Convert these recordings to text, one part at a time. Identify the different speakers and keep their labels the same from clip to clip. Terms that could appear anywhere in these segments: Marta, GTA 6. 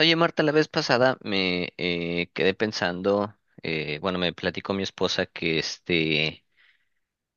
Speaker 1: Oye, Marta, la vez pasada me quedé pensando, bueno, me platicó mi esposa que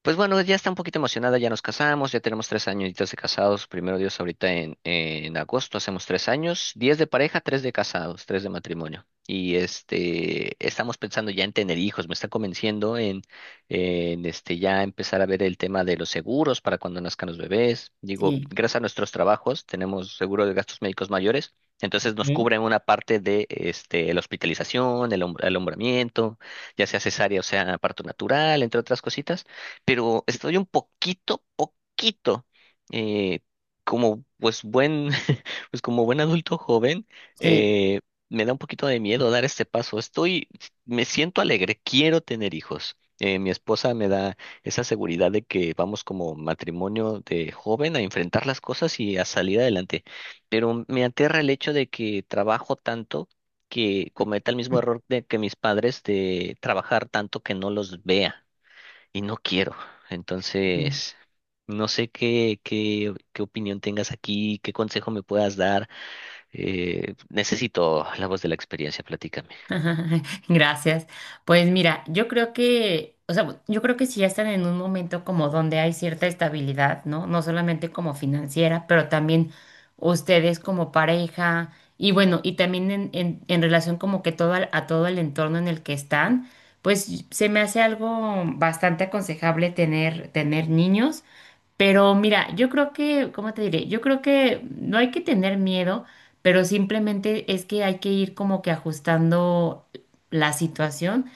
Speaker 1: pues bueno, ya está un poquito emocionada, ya nos casamos, ya tenemos 3 añitos de casados, primero Dios, ahorita en agosto hacemos 3 años, 10 de pareja, 3 de casados, 3 de matrimonio. Estamos pensando ya en tener hijos, me está convenciendo en ya empezar a ver el tema de los seguros para cuando nazcan los bebés. Digo,
Speaker 2: Sí,
Speaker 1: gracias a nuestros trabajos tenemos seguro de gastos médicos mayores, entonces nos
Speaker 2: sí,
Speaker 1: cubren una parte de la hospitalización, el alumbramiento, ya sea cesárea o sea parto natural, entre otras cositas, pero estoy un poquito, eh, como pues buen, pues como buen adulto joven,
Speaker 2: sí.
Speaker 1: eh, me da un poquito de miedo dar este paso. Me siento alegre, quiero tener hijos. Mi esposa me da esa seguridad de que vamos como matrimonio de joven a enfrentar las cosas y a salir adelante. Pero me aterra el hecho de que trabajo tanto que cometa el mismo error de que mis padres de trabajar tanto que no los vea y no quiero.
Speaker 2: Ujú.
Speaker 1: Entonces, no sé qué opinión tengas aquí, qué consejo me puedas dar. Necesito la voz de la experiencia, platícame.
Speaker 2: Gracias. Pues mira, yo creo que, o sea, yo creo que si ya están en un momento como donde hay cierta estabilidad, ¿no? No solamente como financiera, pero también ustedes como pareja y bueno, y también en relación como que todo a todo el entorno en el que están, pues se me hace algo bastante aconsejable tener niños. Pero mira, yo creo que, ¿cómo te diré? Yo creo que no hay que tener miedo, pero simplemente es que hay que ir como que ajustando la situación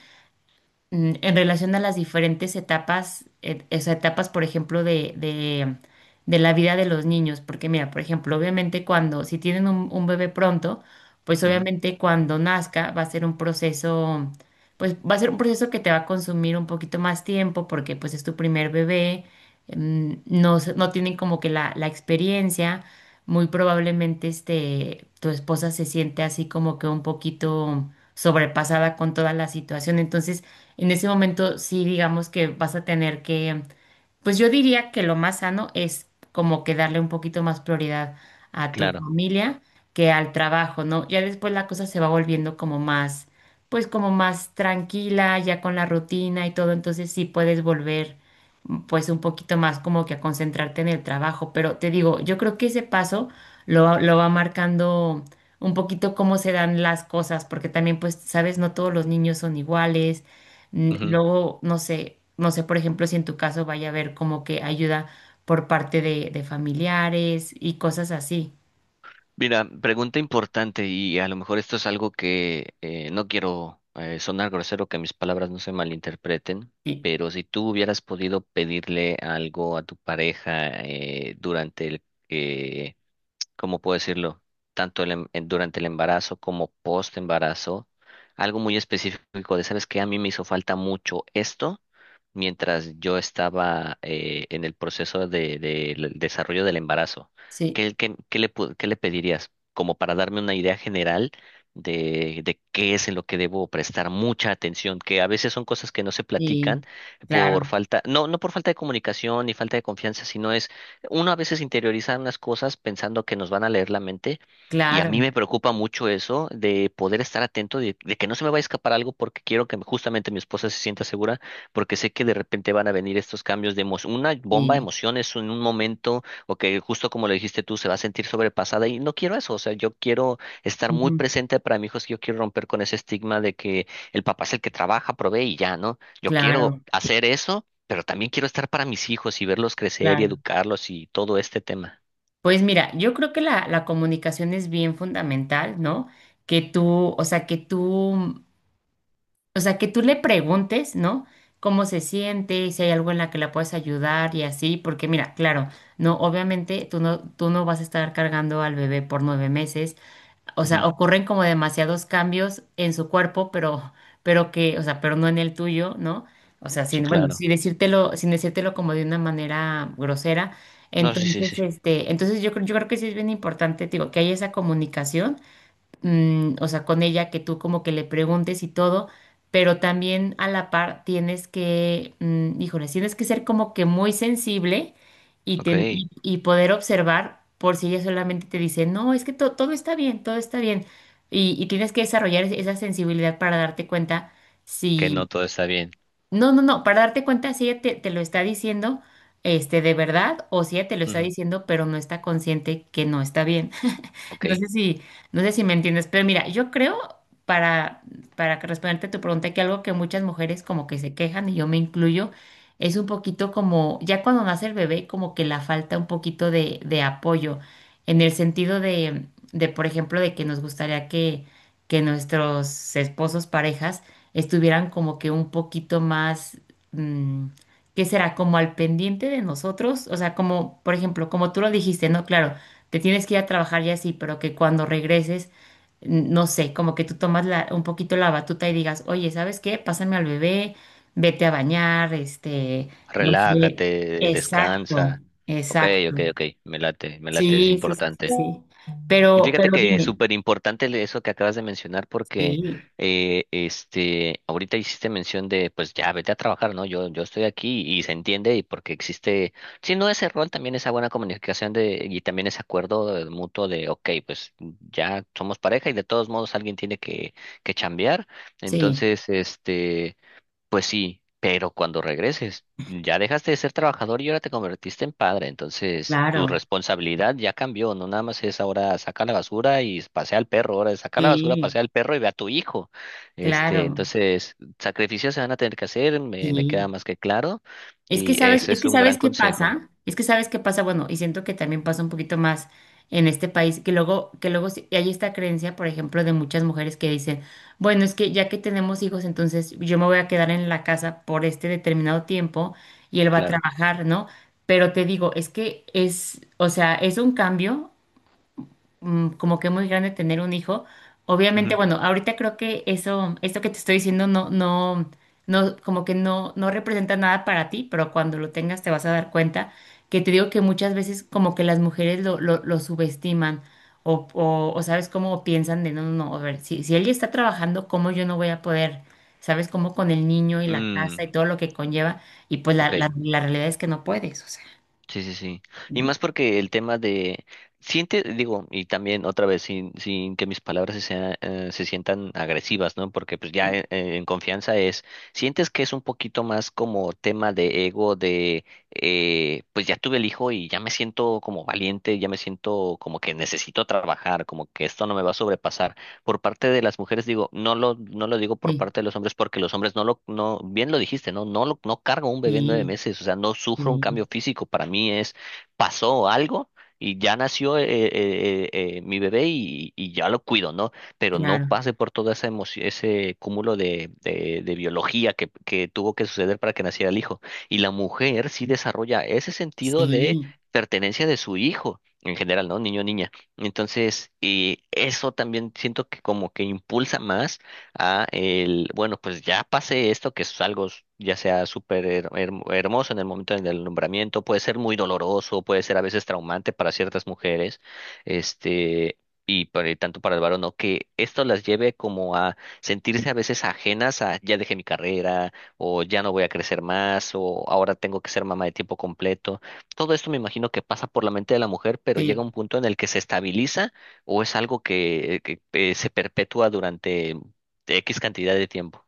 Speaker 2: en relación a las diferentes etapas, esas etapas, por ejemplo, de la vida de los niños. Porque mira, por ejemplo, obviamente cuando, si tienen un bebé pronto, pues
Speaker 1: Ujú,
Speaker 2: obviamente cuando nazca va a ser un proceso, pues va a ser un proceso que te va a consumir un poquito más tiempo porque pues es tu primer bebé, no, no tienen como que la experiencia. Muy probablemente este, tu esposa se siente así como que un poquito sobrepasada con toda la situación. Entonces, en ese momento sí digamos que vas a tener que, pues yo diría que lo más sano es como que darle un poquito más prioridad a tu
Speaker 1: claro.
Speaker 2: familia que al trabajo, ¿no? Ya después la cosa se va volviendo como más, pues como más tranquila, ya con la rutina y todo, entonces sí puedes volver pues un poquito más como que a concentrarte en el trabajo, pero te digo, yo creo que ese paso lo va marcando un poquito cómo se dan las cosas, porque también pues, sabes, no todos los niños son iguales.
Speaker 1: Ujú.
Speaker 2: Luego, no sé, no sé, por ejemplo, si en tu caso vaya a haber como que ayuda por parte de familiares y cosas así.
Speaker 1: Mira, pregunta importante y a lo mejor esto es algo que no quiero sonar grosero, que mis palabras no se malinterpreten.
Speaker 2: Sí,
Speaker 1: Pero si tú hubieras podido pedirle algo a tu pareja durante el, ¿cómo puedo decirlo? Tanto durante el embarazo como post embarazo, algo muy específico de, ¿sabes qué? A mí me hizo falta mucho esto mientras yo estaba en el proceso del desarrollo del embarazo.
Speaker 2: sí,
Speaker 1: ¿Qué, qué le pedirías? Como para darme una idea general de qué es en lo que debo prestar mucha atención, que a veces son cosas que no se platican
Speaker 2: sí,
Speaker 1: por
Speaker 2: claro,
Speaker 1: falta, no por falta de comunicación ni falta de confianza, sino es uno a veces interioriza unas cosas pensando que nos van a leer la mente, y a mí
Speaker 2: claro,
Speaker 1: me preocupa mucho eso de poder estar atento, de que no se me vaya a escapar algo porque quiero que justamente mi esposa se sienta segura, porque sé que de repente van a venir estos cambios de emoción, una bomba de
Speaker 2: y
Speaker 1: emociones en un momento o que justo como lo dijiste tú se va a sentir sobrepasada y no quiero eso, o sea, yo quiero estar muy
Speaker 2: ujú,
Speaker 1: presente para mi hijo, es que yo quiero romper con ese estigma de que el papá es el que trabaja, provee y ya, ¿no? Yo quiero
Speaker 2: claro,
Speaker 1: hacer eso, pero también quiero estar para mis hijos y verlos crecer y
Speaker 2: claro.
Speaker 1: educarlos y todo este tema.
Speaker 2: Pues mira, yo creo que la comunicación es bien fundamental, ¿no? Que tú, o sea, que tú que tú le preguntes, ¿no? Cómo se siente, si hay algo en la que la puedes ayudar y así, porque mira, claro, no, obviamente tú no vas a estar cargando al bebé por 9 meses. O sea,
Speaker 1: Ujú.
Speaker 2: ocurren como demasiados cambios en su cuerpo, pero, pero no en el tuyo, ¿no? O sea,
Speaker 1: Sí,
Speaker 2: sin, bueno,
Speaker 1: claro.
Speaker 2: sin decírtelo como de una manera grosera.
Speaker 1: No, sí, sí,
Speaker 2: Entonces,
Speaker 1: sí.
Speaker 2: este, entonces yo creo que sí es bien importante, digo, que haya esa comunicación o sea, con ella, que tú como que le preguntes y todo, pero también a la par tienes que, híjole, tienes que ser como que muy sensible y,
Speaker 1: Ok,
Speaker 2: ten- y, y poder observar por si ella solamente te dice, no, es que todo está bien, todo está bien. Y tienes que desarrollar esa sensibilidad para darte cuenta
Speaker 1: que no
Speaker 2: si,
Speaker 1: todo está bien.
Speaker 2: no, no, no, para darte cuenta si ella te lo está diciendo, este, de verdad, o si ella te lo está
Speaker 1: Ujú.
Speaker 2: diciendo, pero no está consciente que no está bien.
Speaker 1: Ok,
Speaker 2: No sé si, no sé si me entiendes, pero mira, yo creo, para, para que responderte a tu pregunta, que algo que muchas mujeres como que se quejan, y yo me incluyo, es un poquito como, ya cuando nace el bebé, como que la falta un poquito de apoyo, en el sentido de, por ejemplo, de que nos gustaría que nuestros esposos, parejas, estuvieran como que un poquito más, mm, ¿qué será? Como al pendiente de nosotros, o sea, como, por ejemplo, como tú lo dijiste, ¿no? Claro, te tienes que ir a trabajar ya así, pero que cuando regreses, no sé, como que tú tomas un poquito la batuta y digas, oye, ¿sabes qué? Pásame al bebé, vete a bañar, este, no sé.
Speaker 1: relájate,
Speaker 2: Exacto,
Speaker 1: descansa. Ok, ok,
Speaker 2: exacto.
Speaker 1: ok, me late, es
Speaker 2: Sí, sí, sí, sí,
Speaker 1: importante.
Speaker 2: sí.
Speaker 1: Y
Speaker 2: Pero,
Speaker 1: fíjate
Speaker 2: pero
Speaker 1: que es
Speaker 2: dime,
Speaker 1: súper importante eso que acabas de mencionar, porque
Speaker 2: sí,
Speaker 1: ahorita hiciste mención de pues ya vete a trabajar, ¿no? Yo estoy aquí y se entiende y porque existe, si no ese rol, también esa buena comunicación de, y también ese acuerdo mutuo de ok, pues ya somos pareja y de todos modos alguien tiene que chambear.
Speaker 2: sí,
Speaker 1: Entonces, pues sí, pero cuando regreses, ya dejaste de ser trabajador y ahora te convertiste en padre, entonces tu
Speaker 2: claro,
Speaker 1: responsabilidad ya cambió, no nada más es ahora saca la basura y pasea al perro, ahora es saca la basura,
Speaker 2: sí,
Speaker 1: pasea al perro y ve a tu hijo.
Speaker 2: claro,
Speaker 1: Entonces, sacrificios se van a tener que hacer, me queda
Speaker 2: sí.
Speaker 1: más que claro, y ese es un gran consejo,
Speaker 2: Es que sabes qué pasa, bueno, y siento que también pasa un poquito más en este país, que luego hay esta creencia, por ejemplo, de muchas mujeres que dicen, bueno, es que ya que tenemos hijos, entonces yo me voy a quedar en la casa por este determinado tiempo y él va a
Speaker 1: claro.
Speaker 2: trabajar, ¿no? Pero te digo, es que es, o sea, es un cambio como que muy grande tener un hijo. Obviamente,
Speaker 1: Ujú.
Speaker 2: bueno, ahorita creo que eso, esto que te estoy diciendo no, no, no, como que no representa nada para ti, pero cuando lo tengas te vas a dar cuenta que te digo que muchas veces como que las mujeres lo subestiman o sabes cómo piensan de no, no, no, a ver, si él ya está trabajando, ¿cómo yo no voy a poder? ¿Sabes? Como con el niño y la
Speaker 1: Mm,
Speaker 2: casa y todo lo que conlleva, y pues
Speaker 1: ok.
Speaker 2: la realidad es que no puedes, o sea,
Speaker 1: Sí, sí, sí. Y
Speaker 2: ¿no?
Speaker 1: más porque el tema de siente, digo, y también otra vez sin que mis palabras se sientan agresivas, ¿no? Porque pues ya
Speaker 2: Sí,
Speaker 1: en confianza es sientes que es un poquito más como tema de ego de pues ya tuve el hijo y ya me siento como valiente, ya me siento como que necesito trabajar, como que esto no me va a sobrepasar por parte de las mujeres, digo, no lo digo por
Speaker 2: sí,
Speaker 1: parte de los hombres porque los hombres no lo, no, bien lo dijiste, ¿no? No cargo un bebé en nueve
Speaker 2: sí,
Speaker 1: meses, o sea, no sufro un
Speaker 2: sí,
Speaker 1: cambio físico, para mí es, pasó algo y ya nació mi bebé y ya lo cuido, ¿no? Pero no
Speaker 2: claro.
Speaker 1: pase por toda esa emoción, ese cúmulo de biología que tuvo que suceder para que naciera el hijo. Y la mujer sí desarrolla ese sentido de
Speaker 2: Sí,
Speaker 1: pertenencia de su hijo en general, ¿no? Niño, niña. Entonces, y eso también siento que como que impulsa más a el, bueno, pues ya pase esto, que es algo ya sea súper hermoso en el momento del nombramiento, puede ser muy doloroso, puede ser a veces traumante para ciertas mujeres, este, y por el tanto para el varón, o que esto las lleve como a sentirse a veces ajenas a ya dejé mi carrera, o ya no voy a crecer más, o ahora tengo que ser mamá de tiempo completo. Todo esto me imagino que pasa por la mente de la mujer, pero llega
Speaker 2: sí.
Speaker 1: un punto en el que se estabiliza o es algo que se perpetúa durante X cantidad de tiempo.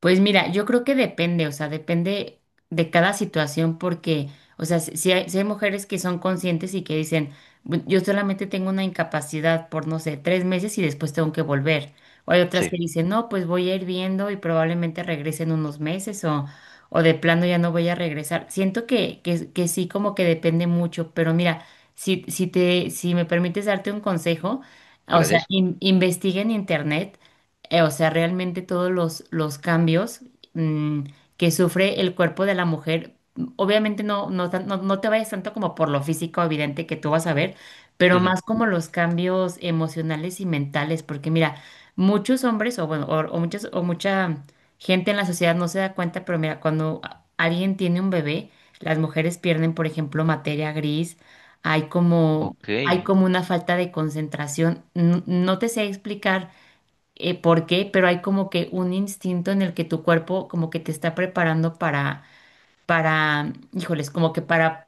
Speaker 2: Pues mira, yo creo que depende, o sea, depende de cada situación porque, o sea, si hay mujeres que son conscientes y que dicen, yo solamente tengo una incapacidad por, no sé, 3 meses y después tengo que volver". O hay otras
Speaker 1: Sí,
Speaker 2: que dicen, no, pues voy a ir viendo y probablemente regrese en unos meses o de plano ya no voy a regresar. Siento que, que sí, como que depende mucho, pero mira, si me permites darte un consejo, o sea,
Speaker 1: gracias.
Speaker 2: investiga en internet. O sea, realmente todos los cambios mm, que sufre el cuerpo de la mujer, obviamente no te vayas tanto como por lo físico evidente que tú vas a ver, pero
Speaker 1: Ujú.
Speaker 2: más como los cambios emocionales y mentales, porque mira, muchos hombres o, bueno, o muchas, o mucha gente en la sociedad no se da cuenta, pero mira, cuando alguien tiene un bebé, las mujeres pierden, por ejemplo, materia gris. hay como...
Speaker 1: Ok,
Speaker 2: Hay como una falta de concentración. No te sé explicar por qué, pero hay como que un instinto en el que tu cuerpo como que te está preparando para, híjoles, como que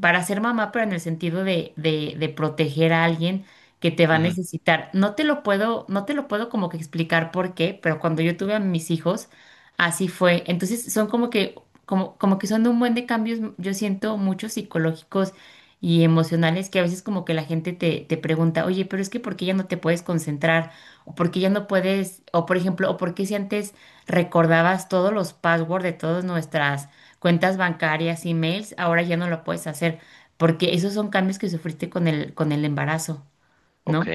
Speaker 2: para ser mamá, pero en el sentido de, de proteger a alguien que te va a
Speaker 1: ujú,
Speaker 2: necesitar. No te lo puedo como que explicar por qué, pero cuando yo tuve a mis hijos, así fue. Entonces son como que, como, como que son un buen de cambios, yo siento muchos psicológicos y emocionales que a veces como que la gente te pregunta, oye, pero es que ¿por qué ya no te puedes concentrar? O por qué ya no puedes, o por ejemplo, o por qué si antes recordabas todos los passwords de todas nuestras cuentas bancarias, emails, ahora ya no lo puedes hacer, porque esos son cambios que sufriste con el embarazo, ¿no?
Speaker 1: ok,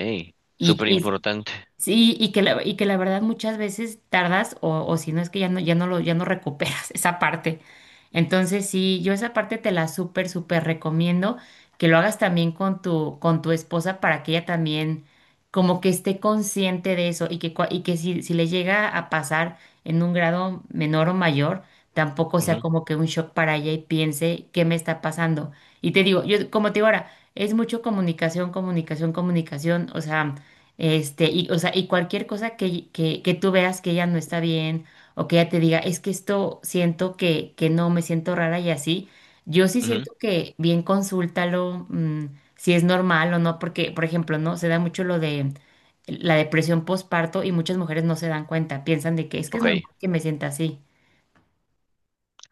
Speaker 1: súper
Speaker 2: Y,
Speaker 1: importante.
Speaker 2: sí, y que la verdad muchas veces tardas o si no es que ya no, ya no recuperas esa parte. Entonces, sí, yo esa parte te la súper, súper recomiendo que lo hagas también con tu, esposa para que ella también como que esté consciente de eso y que, y que si, si le llega a pasar en un grado menor o mayor, tampoco sea
Speaker 1: Ujú,
Speaker 2: como que un shock para ella y piense qué me está pasando. Y te digo, yo como te digo ahora, es mucho comunicación, comunicación, comunicación, o sea... Este, y, o sea, y cualquier cosa que tú veas que ella no está bien o que ella te diga, es que esto siento que no me siento rara y así, yo sí
Speaker 1: ujú,
Speaker 2: siento que bien consúltalo, si es normal o no, porque, por ejemplo, ¿no? Se da mucho lo de la depresión postparto y muchas mujeres no se dan cuenta, piensan de que es
Speaker 1: Ok,
Speaker 2: normal que me sienta así.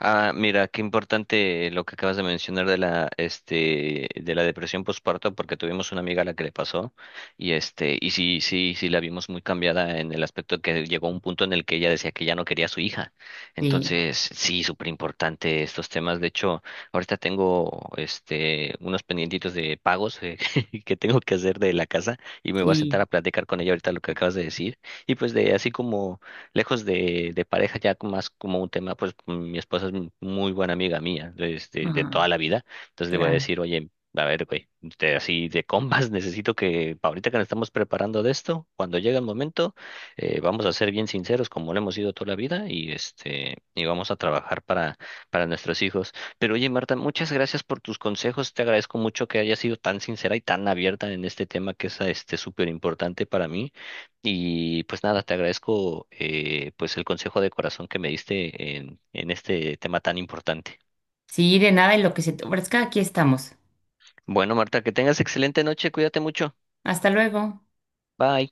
Speaker 1: ah, mira, qué importante lo que acabas de mencionar de la, de la depresión postparto, porque tuvimos una amiga a la que le pasó, y sí, sí, sí la vimos muy cambiada en el aspecto que llegó a un punto en el que ella decía que ya no quería a su hija.
Speaker 2: Sí,
Speaker 1: Entonces, sí, súper importante estos temas. De hecho, ahorita tengo, unos pendientitos de pagos que tengo que hacer de la casa, y me voy a sentar
Speaker 2: sí,
Speaker 1: a platicar con ella ahorita lo que acabas de decir, y pues de así como lejos de pareja, ya con más como un tema, pues mi esposa es muy buena amiga mía desde de
Speaker 2: ah,
Speaker 1: toda la vida, entonces le voy a
Speaker 2: claro.
Speaker 1: decir, oye, a ver, güey, así de combas, necesito que pa' ahorita que nos estamos preparando de esto, cuando llegue el momento, vamos a ser bien sinceros, como lo hemos sido toda la vida, y vamos a trabajar para nuestros hijos. Pero oye, Marta, muchas gracias por tus consejos. Te agradezco mucho que hayas sido tan sincera y tan abierta en este tema que es súper importante para mí. Y pues nada, te agradezco pues el consejo de corazón que me diste en este tema tan importante.
Speaker 2: Sí, de nada, en lo que se te ofrezca, aquí estamos.
Speaker 1: Bueno, Marta, que tengas excelente noche, cuídate mucho.
Speaker 2: Hasta luego.
Speaker 1: Bye.